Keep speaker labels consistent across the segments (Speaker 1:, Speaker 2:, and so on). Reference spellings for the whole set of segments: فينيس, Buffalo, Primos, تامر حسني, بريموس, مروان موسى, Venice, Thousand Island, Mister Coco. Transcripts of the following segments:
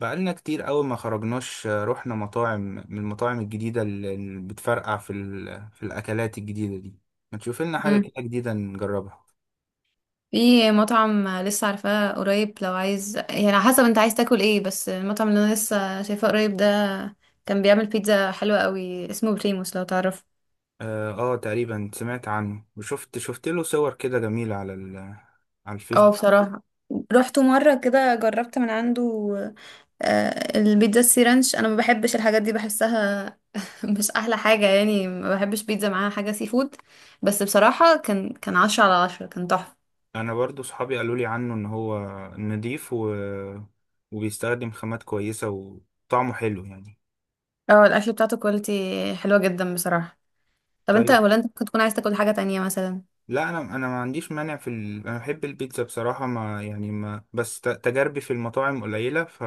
Speaker 1: بقالنا كتير أوي ما خرجناش، رحنا مطاعم من المطاعم الجديدة اللي بتفرقع في الأكلات الجديدة دي. ما تشوف لنا حاجة
Speaker 2: مم.
Speaker 1: كده جديدة نجربها.
Speaker 2: في مطعم لسه عارفاه قريب، لو عايز يعني على حسب انت عايز تاكل ايه. بس المطعم اللي انا لسه شايفاه قريب ده كان بيعمل بيتزا حلوة قوي، اسمه بريموس، لو تعرف.
Speaker 1: تقريبا سمعت عنه، وشفت له صور كده جميلة على على
Speaker 2: اه
Speaker 1: الفيسبوك.
Speaker 2: بصراحة رحت مرة كده جربت من عنده. البيتزا السي رانش انا ما بحبش الحاجات دي، بحسها مش احلى حاجة يعني. ما بحبش بيتزا معاها حاجة سي فود. بس بصراحة كان 10/10، كان تحفة.
Speaker 1: أنا برضو صحابي قالوا لي عنه إن هو نضيف وبيستخدم خامات كويسة وطعمه حلو يعني.
Speaker 2: اه الاكل بتاعته كواليتي، حلوة جدا بصراحة. طب انت،
Speaker 1: طيب،
Speaker 2: ولا انت ممكن تكون عايز تاكل حاجة تانية مثلا؟
Speaker 1: لا انا ما عنديش مانع انا بحب البيتزا بصراحه، ما يعني ما بس ت- تجاربي في المطاعم قليله،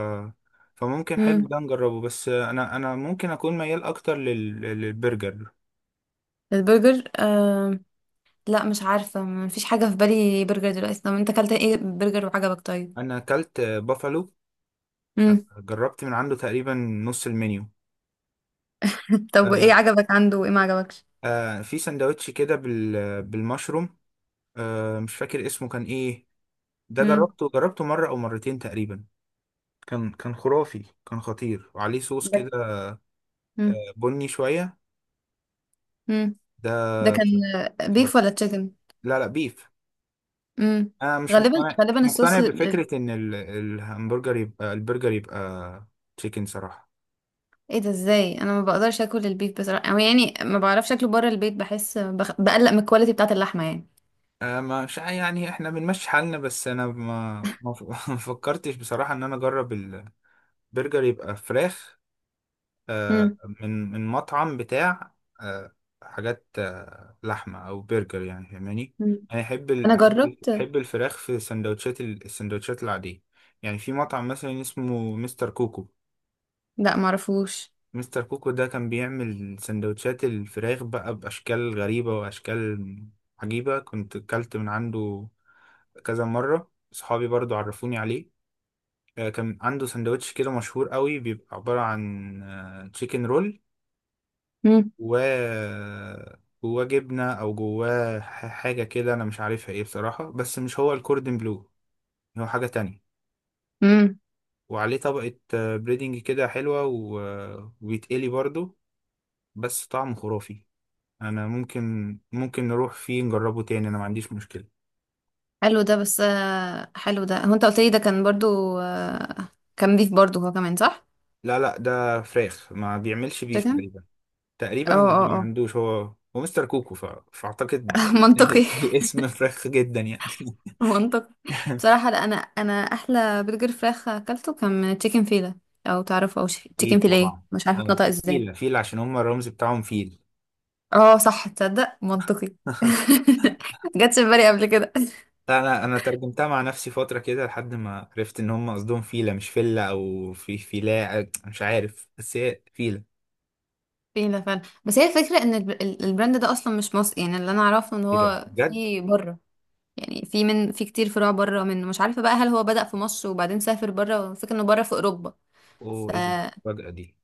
Speaker 1: فممكن حلو
Speaker 2: امم
Speaker 1: ده نجربه، بس انا ممكن اكون ميال اكتر للبرجر.
Speaker 2: البرجر لا مش عارفة، مفيش حاجة في بالي برجر دلوقتي. طب انت اكلت ايه برجر وعجبك؟ طيب.
Speaker 1: انا اكلت بافالو،
Speaker 2: امم
Speaker 1: جربت من عنده تقريبا نص المنيو.
Speaker 2: طب ايه
Speaker 1: آه
Speaker 2: عجبك عنده وايه ما عجبكش؟
Speaker 1: في سندوتش كده بالمشروم، مش فاكر اسمه كان ايه. ده
Speaker 2: امم
Speaker 1: جربته مره او مرتين تقريبا. كان خرافي، كان خطير، وعليه صوص
Speaker 2: ده
Speaker 1: كده
Speaker 2: امم
Speaker 1: بني شويه.
Speaker 2: امم
Speaker 1: ده
Speaker 2: ده كان بيف ولا تشيكن؟
Speaker 1: لا، لا بيف.
Speaker 2: امم
Speaker 1: انا مش
Speaker 2: غالبا
Speaker 1: مقتنع مش
Speaker 2: غالبا
Speaker 1: مقتنع
Speaker 2: الصوص
Speaker 1: بفكره ان الهمبرجر يبقى، البرجر يبقى تشيكن صراحه.
Speaker 2: ايه ده ازاي؟ انا ما بقدرش اكل البيف بصراحة، او يعني ما بعرفش اكله بره البيت، بحس بقلق من الكواليتي بتاعة اللحمة يعني.
Speaker 1: أه، مش يعني احنا بنمشي حالنا، بس انا ما ما ف- ما فكرتش بصراحه ان انا اجرب البرجر يبقى فراخ. أه،
Speaker 2: امم
Speaker 1: من مطعم بتاع، أه، حاجات، أه، لحمه او برجر يعني فاهماني.
Speaker 2: امم
Speaker 1: انا احب ال-
Speaker 2: انا
Speaker 1: احب
Speaker 2: جربت.
Speaker 1: أحب الفراخ في سندوتشات السندوتشات العاديه. يعني في مطعم مثلا اسمه مستر كوكو.
Speaker 2: لا معرفوش.
Speaker 1: مستر كوكو ده كان بيعمل سندوتشات الفراخ بقى بأشكال غريبة، وأشكال عجيبة. كنت أكلت من عنده كذا مرة، صحابي برضو عرفوني عليه. آه، كان عنده سندوتش كده مشهور قوي، بيبقى عبارة عن تشيكن رول و جواه جبنة، أو جواه حاجة كده أنا مش عارفها إيه بصراحة، بس مش هو الكوردن بلو، هو حاجة تانية.
Speaker 2: امم
Speaker 1: وعليه طبقة بريدنج كده حلوة، وبيتقلي برضو، بس طعمه خرافي. انا ممكن نروح فيه نجربه تاني، انا ما عنديش مشكلة.
Speaker 2: حلو ده، بس حلو ده، هو انت قلت لي ده كان برضو كان بيف برضو هو كمان صح؟
Speaker 1: لا لا، ده فراخ، ما بيعملش بيف
Speaker 2: تشيكن.
Speaker 1: تقريبا.
Speaker 2: اه
Speaker 1: تقريبا
Speaker 2: اه
Speaker 1: ما
Speaker 2: اه.
Speaker 1: عندوش، هو مستر كوكو، فاعتقد.
Speaker 2: منطقي.
Speaker 1: الاسم فراخ جدا يعني.
Speaker 2: منطقي بصراحة. لا انا احلى برجر فراخ اكلته كان من تشيكن فيلا، او تعرفه او تشيكن
Speaker 1: اكيد
Speaker 2: فيليه،
Speaker 1: طبعا.
Speaker 2: مش عارفة
Speaker 1: اه،
Speaker 2: اتنطق ازاي.
Speaker 1: فيل فيل عشان هم الرمز بتاعهم فيل.
Speaker 2: اه صح، تصدق منطقي. جاتش في بالي قبل كده.
Speaker 1: لا، انا ترجمتها مع نفسي فترة كده لحد ما عرفت ان هم قصدهم فيلة، مش فيلة او في فيلاء مش عارف، بس هي فيلة.
Speaker 2: فيلا فعلا. بس هي الفكرة ان البراند ده اصلا مش مصري. يعني اللي انا اعرفه ان
Speaker 1: ايه ده
Speaker 2: هو
Speaker 1: بجد؟
Speaker 2: في بره. يعني في كتير فروع بره منه، مش عارفة بقى هل هو بدأ في مصر وبعدين سافر بره. فكرة انه بره في اوروبا.
Speaker 1: اوه،
Speaker 2: ف
Speaker 1: ايه ده الفجأة دي؟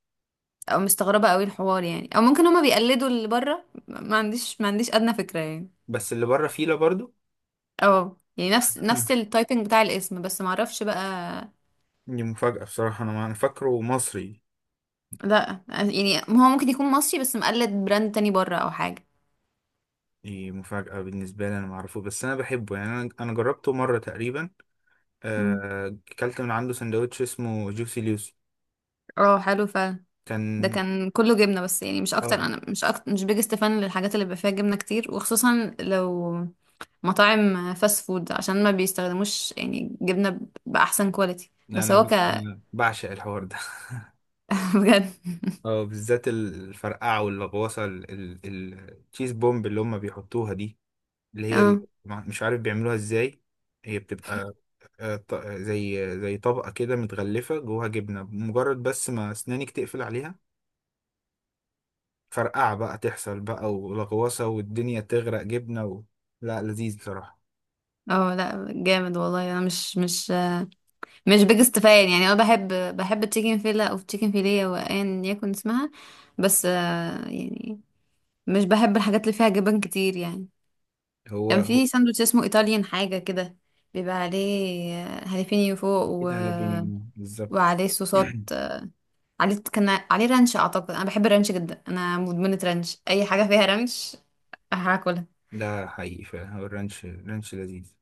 Speaker 2: او مستغربة قوي الحوار يعني. او ممكن هما بيقلدوا اللي بره، ما عنديش ادنى فكرة يعني.
Speaker 1: بس اللي بره فيلة برضو.
Speaker 2: اه يعني نفس نفس التايبنج بتاع الاسم، بس ما اعرفش بقى.
Speaker 1: دي مفاجأة بصراحة، أنا ما أنا فاكره مصري.
Speaker 2: لا يعني هو ممكن يكون مصري بس مقلد براند تاني بره او حاجة.
Speaker 1: دي مفاجأة بالنسبة لي، أنا معرفوش، بس أنا بحبه يعني. أنا جربته مرة تقريبا.
Speaker 2: مم.
Speaker 1: آه، أكلت من عنده سندوتش اسمه جوسي لوسي.
Speaker 2: اه حلو فعلا. ده
Speaker 1: كان.
Speaker 2: كان كله جبنه بس يعني، مش اكتر.
Speaker 1: آه،
Speaker 2: انا مش أكتر مش بيجست فان للحاجات اللي بيبقى فيها جبنه كتير، وخصوصا لو مطاعم فاست فود عشان ما بيستخدموش يعني جبنه باحسن كواليتي.
Speaker 1: لا،
Speaker 2: بس هو ك
Speaker 1: أنا بعشق الحوار ده.
Speaker 2: بجد.
Speaker 1: آه، بالذات الفرقعة واللغوصة، التشيز بومب اللي هما بيحطوها دي، اللي هي
Speaker 2: اه
Speaker 1: مش عارف بيعملوها إزاي. هي بتبقى، آه، زي طبقة كده متغلفة جواها جبنة مجرد، بس ما أسنانك تقفل عليها، فرقعة بقى تحصل بقى، ولغوصة، والدنيا تغرق جبنة. لا، لذيذ بصراحة.
Speaker 2: اه. لا جامد والله. انا مش بيجست فان يعني. انا بحب بحب التشيكن فيلا او تشيكن فيليه وايا يكن اسمها. بس يعني مش بحب الحاجات اللي فيها جبن كتير يعني.
Speaker 1: هو
Speaker 2: كان
Speaker 1: هو
Speaker 2: في ساندوتش اسمه ايطاليان حاجه كده، بيبقى عليه هاليفينيو فوق،
Speaker 1: كده على بيني بالظبط.
Speaker 2: وعليه صوصات عليه كان عليه رانش اعتقد. انا بحب الرانش جدا، انا مدمنة رانش، اي حاجة فيها رانش هاكلها.
Speaker 1: ده حقيقي فعلا، هو الرانش، لذيذ.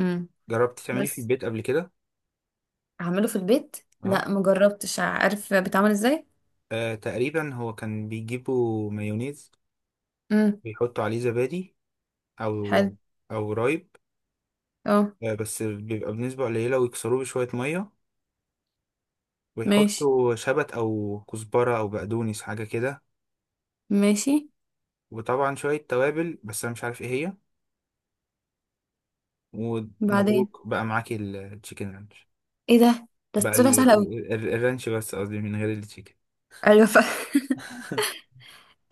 Speaker 2: امم
Speaker 1: جربت تعمليه في
Speaker 2: بس
Speaker 1: البيت قبل كده؟
Speaker 2: اعمله في البيت؟ لا
Speaker 1: اه،
Speaker 2: مجربتش، عارف بيتعمل ازاي؟
Speaker 1: آه، تقريبا هو كان بيجيبوا مايونيز،
Speaker 2: امم
Speaker 1: بيحطوا عليه زبادي، او
Speaker 2: حلو.
Speaker 1: او رايب.
Speaker 2: اه.
Speaker 1: آه، بس بيبقى بنسبة قليلة، ويكسروه بشوية مية،
Speaker 2: ماشي
Speaker 1: ويحطوا شبت او كزبرة او بقدونس حاجة كده.
Speaker 2: ماشي.
Speaker 1: وطبعا شوية توابل، بس انا مش عارف ايه هي.
Speaker 2: بعدين.
Speaker 1: ومبروك بقى معاكي التشيكن رانش.
Speaker 2: ايه ده؟ ده
Speaker 1: بقى
Speaker 2: طلع سهل قوي.
Speaker 1: الرانش بس قصدي، من غير التشيكن.
Speaker 2: ايوه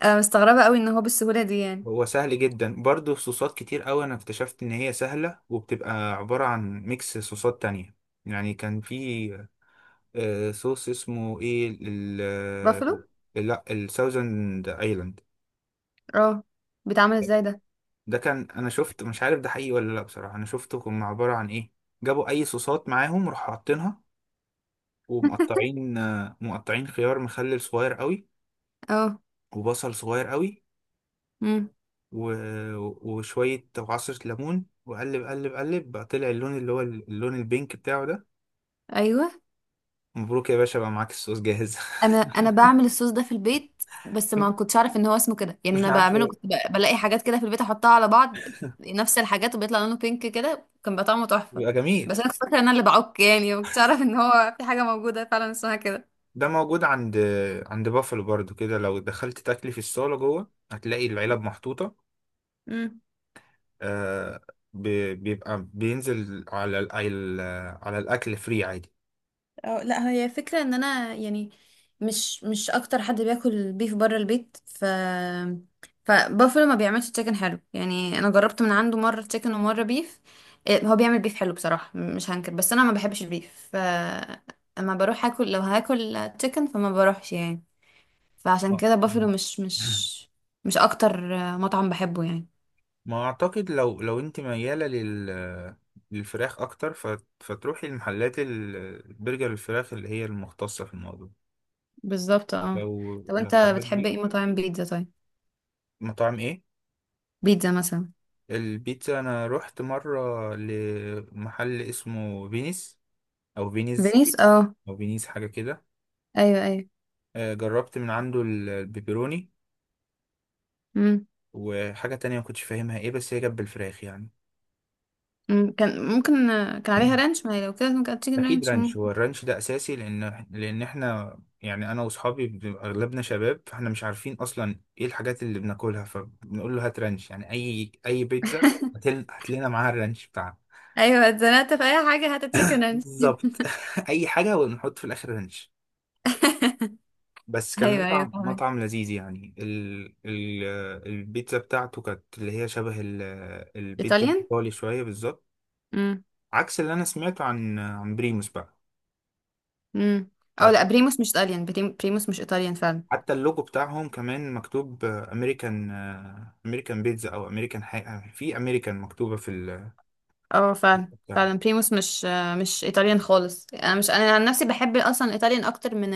Speaker 2: انا مستغربة قوي ان هو بالسهولة دي يعني.
Speaker 1: هو سهل جدا برضه. صوصات كتير قوي انا اكتشفت ان هي سهله، وبتبقى عباره عن ميكس صوصات تانية. يعني كان في، آه، صوص اسمه ايه، ال
Speaker 2: بافلو.
Speaker 1: ال- لا الساوزند ايلاند.
Speaker 2: اه، بيتعمل ازاي ده؟
Speaker 1: ده كان، انا شفت مش عارف ده حقيقي ولا لا بصراحه. انا شفته كان عباره عن ايه، جابوا اي صوصات معاهم راحوا حاطينها، ومقطعين، آه، مقطعين خيار مخلل صغير قوي،
Speaker 2: اه.
Speaker 1: وبصل صغير قوي،
Speaker 2: امم
Speaker 1: و... وشوية وعصرة ليمون، وقلب قلب قلب بقى طلع اللون اللي هو اللون البينك بتاعه ده.
Speaker 2: ايوه.
Speaker 1: مبروك يا باشا، بقى معاك الصوص جاهز.
Speaker 2: انا بعمل الصوص ده في البيت، بس ما كنتش اعرف ان هو اسمه كده يعني.
Speaker 1: مش
Speaker 2: انا
Speaker 1: عارف
Speaker 2: بعمله
Speaker 1: إيه.
Speaker 2: كنت بلاقي حاجات كده في البيت احطها على بعض. نفس الحاجات وبيطلع لونه بينك كده، كان بقى طعمه تحفة.
Speaker 1: بيبقى جميل.
Speaker 2: بس انا كنت فاكره ان انا اللي بعك يعني، ما كنتش اعرف ان هو في حاجه موجوده فعلا اسمها كده.
Speaker 1: ده موجود عند بافلو برضو كده، لو دخلت تاكلي في الصالة جوه هتلاقي العلب محطوطة. آه، ب... بيبقى بينزل على على الأكل فري عادي.
Speaker 2: اه لا، هي فكرة ان انا يعني مش اكتر حد بياكل بيف بره البيت. فبافلو ما بيعملش تشيكن حلو يعني. انا جربت من عنده مرة تشيكن ومرة بيف. إيه، هو بيعمل بيف حلو بصراحة مش هنكر، بس انا ما بحبش البيف. ف اما بروح اكل لو هاكل تشيكن فما بروحش يعني. فعشان
Speaker 1: اه.
Speaker 2: كده بافلو مش مش مش اكتر مطعم بحبه يعني.
Speaker 1: ما اعتقد، لو انت مياله للفراخ اكتر، فتروحي المحلات البرجر الفراخ اللي هي المختصه في الموضوع.
Speaker 2: بالظبط اه.
Speaker 1: لو
Speaker 2: طب
Speaker 1: لو
Speaker 2: انت
Speaker 1: حضرتك
Speaker 2: بتحب
Speaker 1: دي.
Speaker 2: ايه مطاعم بيتزا طيب؟
Speaker 1: مطاعم ايه؟
Speaker 2: بيتزا مثلا.
Speaker 1: البيتزا انا رحت مره لمحل اسمه فينيس، او فينيز،
Speaker 2: فينيس اه.
Speaker 1: او فينيس حاجه كده.
Speaker 2: ايوه ايوه.
Speaker 1: آه، جربت من عنده البيبروني،
Speaker 2: امم.
Speaker 1: وحاجه تانية ما كنتش فاهمها ايه، بس هي جنب الفراخ يعني.
Speaker 2: مم، كان ممكن كان عليها رانش. ما هي لو كده ممكن هات تشيكن
Speaker 1: اكيد
Speaker 2: رانش
Speaker 1: رانش،
Speaker 2: ممكن.
Speaker 1: هو الرانش ده اساسي، لان احنا يعني انا واصحابي بنبقى اغلبنا شباب، فاحنا مش عارفين اصلا ايه الحاجات اللي بناكلها، فبنقول له هات رانش. يعني اي بيتزا، هات لنا معاها الرانش بتاعها.
Speaker 2: ايوه، اتزنقت في اي حاجه هات تشيكن رانش.
Speaker 1: بالظبط. اي حاجه ونحط في الاخر رانش. بس كان
Speaker 2: ايوه ايوه
Speaker 1: مطعم
Speaker 2: فاهمك.
Speaker 1: مطعم لذيذ يعني. البيتزا بتاعته كانت اللي هي شبه البيتزا
Speaker 2: ايطاليان.
Speaker 1: الايطالي شويه بالظبط،
Speaker 2: امم
Speaker 1: عكس اللي انا سمعته عن بريموس بقى.
Speaker 2: امم او لا، بريموس مش ايطاليان. بريموس مش ايطاليان فعلا.
Speaker 1: حتى اللوجو بتاعهم كمان مكتوب امريكان، امريكان بيتزا، او امريكان حاجه، في امريكان مكتوبه في
Speaker 2: اه فعلا
Speaker 1: بتاع.
Speaker 2: فعلا. بريموس مش ايطاليان خالص. انا مش انا عن نفسي بحب اصلا الايطاليان اكتر من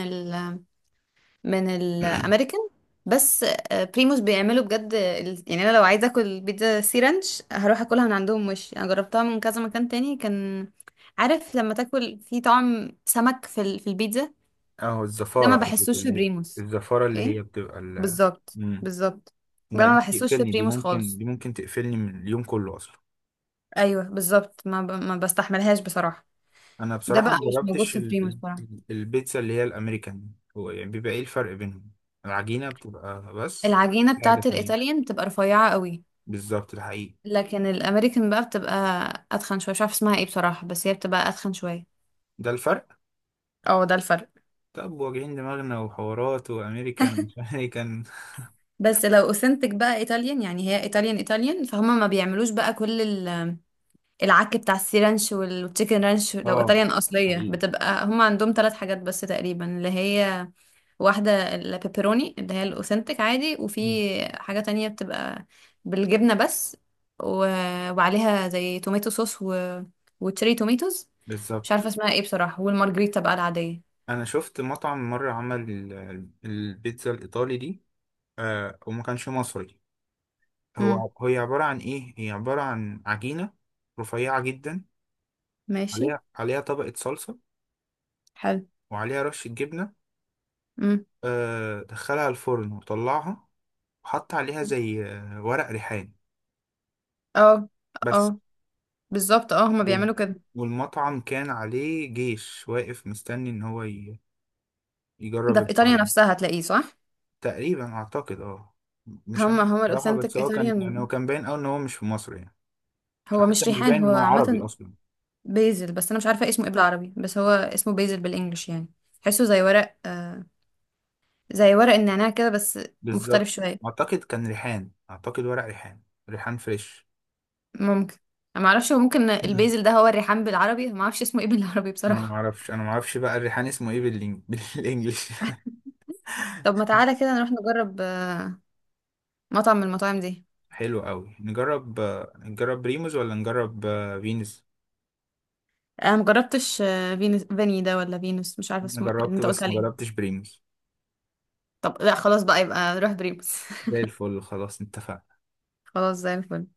Speaker 2: من الامريكان. بس بريموس بيعملوا بجد يعني انا لو عايزه اكل بيتزا سي رانش هروح اكلها من عندهم، مش انا جربتها من كذا مكان تاني كان، عارف لما تاكل في طعم سمك في في البيتزا؟
Speaker 1: اهو
Speaker 2: ده ما
Speaker 1: الزفاره قصدك،
Speaker 2: بحسوش في
Speaker 1: اللي هي
Speaker 2: بريموس.
Speaker 1: الزفاره اللي
Speaker 2: ايه
Speaker 1: هي بتبقى ال.
Speaker 2: بالظبط
Speaker 1: مم.
Speaker 2: بالظبط. ده
Speaker 1: لا،
Speaker 2: ما
Speaker 1: دي
Speaker 2: بحسوش في
Speaker 1: تقفلني، دي
Speaker 2: بريموس
Speaker 1: ممكن
Speaker 2: خالص.
Speaker 1: دي ممكن تقفلني من اليوم كله اصلا.
Speaker 2: ايوه بالظبط، ما بستحملهاش بصراحه.
Speaker 1: انا
Speaker 2: ده
Speaker 1: بصراحه
Speaker 2: بقى
Speaker 1: ما
Speaker 2: مش موجود
Speaker 1: جربتش
Speaker 2: في بريموس بصراحه.
Speaker 1: البيتزا اللي هي الامريكان. هو يعني بيبقى ايه الفرق بينهم؟ العجينه بتبقى بس
Speaker 2: العجينه
Speaker 1: حاجه
Speaker 2: بتاعت
Speaker 1: تانية.
Speaker 2: الايطاليان بتبقى رفيعه قوي.
Speaker 1: بالظبط ده حقيقي.
Speaker 2: لكن الامريكان بقى بتبقى اتخن شويه، مش عارفه اسمها ايه بصراحه، بس هي بتبقى اتخن شويه.
Speaker 1: ده الفرق.
Speaker 2: اه ده الفرق.
Speaker 1: طب واجعين دماغنا وحوارات وامريكان ومش امريكان.
Speaker 2: بس لو اوثنتك بقى ايطاليان يعني، هي ايطاليان ايطاليان. فهم ما بيعملوش بقى كل العك بتاع السي رانش والتشيكن رانش. لو
Speaker 1: اه
Speaker 2: ايطاليان اصليه
Speaker 1: حقيقي.
Speaker 2: بتبقى هم عندهم 3 حاجات بس تقريبا، اللي هي واحدة البيبروني اللي هي الأوثنتك عادي، وفي
Speaker 1: مم.
Speaker 2: حاجة تانية بتبقى بالجبنة بس، و... وعليها زي توميتو صوص و... وتشيري توميتوز، مش
Speaker 1: بالظبط.
Speaker 2: عارفة اسمها ايه بصراحة، والمارجريتا بقى العادية.
Speaker 1: انا شفت مطعم مره عمل البيتزا الايطالي دي. آه، وما كانش مصري.
Speaker 2: امم.
Speaker 1: هو هي عباره عن ايه، هي عباره عن عجينه رفيعه جدا،
Speaker 2: ماشي.
Speaker 1: عليها طبقه صلصه،
Speaker 2: حلو.
Speaker 1: وعليها رشه جبنه،
Speaker 2: امم.
Speaker 1: آه، دخلها الفرن وطلعها، وحط عليها زي، آه، ورق ريحان
Speaker 2: اه
Speaker 1: بس.
Speaker 2: اه بالظبط، اه هما
Speaker 1: وال-
Speaker 2: بيعملوا كده.
Speaker 1: والمطعم كان عليه جيش واقف مستني ان هو يجرب
Speaker 2: ده في ايطاليا
Speaker 1: الفرن.
Speaker 2: نفسها هتلاقيه صح؟
Speaker 1: تقريبا اعتقد اه، مش عارف
Speaker 2: هما
Speaker 1: بصراحة. بس
Speaker 2: الاوثنتيك
Speaker 1: هو كان يعني هو
Speaker 2: ايطاليان.
Speaker 1: كان باين قوي ان هو مش في مصر يعني،
Speaker 2: هو
Speaker 1: حتى
Speaker 2: مش
Speaker 1: مش
Speaker 2: ريحان،
Speaker 1: باين
Speaker 2: هو
Speaker 1: ان هو عربي
Speaker 2: عامة
Speaker 1: اصلا.
Speaker 2: بيزل، بس انا مش عارفة اسمه ايه بالعربي. بس هو اسمه بيزل بالانجلش يعني. تحسه زي ورق زي ورق النعناع كده بس مختلف
Speaker 1: بالظبط.
Speaker 2: شوية.
Speaker 1: اعتقد كان ريحان، اعتقد ورق ريحان، ريحان فريش.
Speaker 2: ممكن. انا معرفش، هو ممكن
Speaker 1: مم.
Speaker 2: البيزل ده هو الريحان بالعربي. ما اعرفش اسمه ايه بالعربي
Speaker 1: انا ما
Speaker 2: بصراحة.
Speaker 1: اعرفش انا ما اعرفش بقى الريحان اسمه ايه بالانجلش.
Speaker 2: طب ما تعالى كده نروح نجرب مطعم من المطاعم دي.
Speaker 1: حلو قوي نجرب، آه، نجرب بريموز ولا نجرب، آه، فينوس؟
Speaker 2: انا مجربتش فينوس فيني ده ولا فينوس، مش عارفة
Speaker 1: انا
Speaker 2: اسمه إيه اللي
Speaker 1: جربته
Speaker 2: انت قلت
Speaker 1: بس ما
Speaker 2: عليه.
Speaker 1: جربتش بريموز.
Speaker 2: طب لا خلاص بقى، يبقى نروح بريموس.
Speaker 1: زي الفل، خلاص اتفقنا.
Speaker 2: خلاص زي الفل.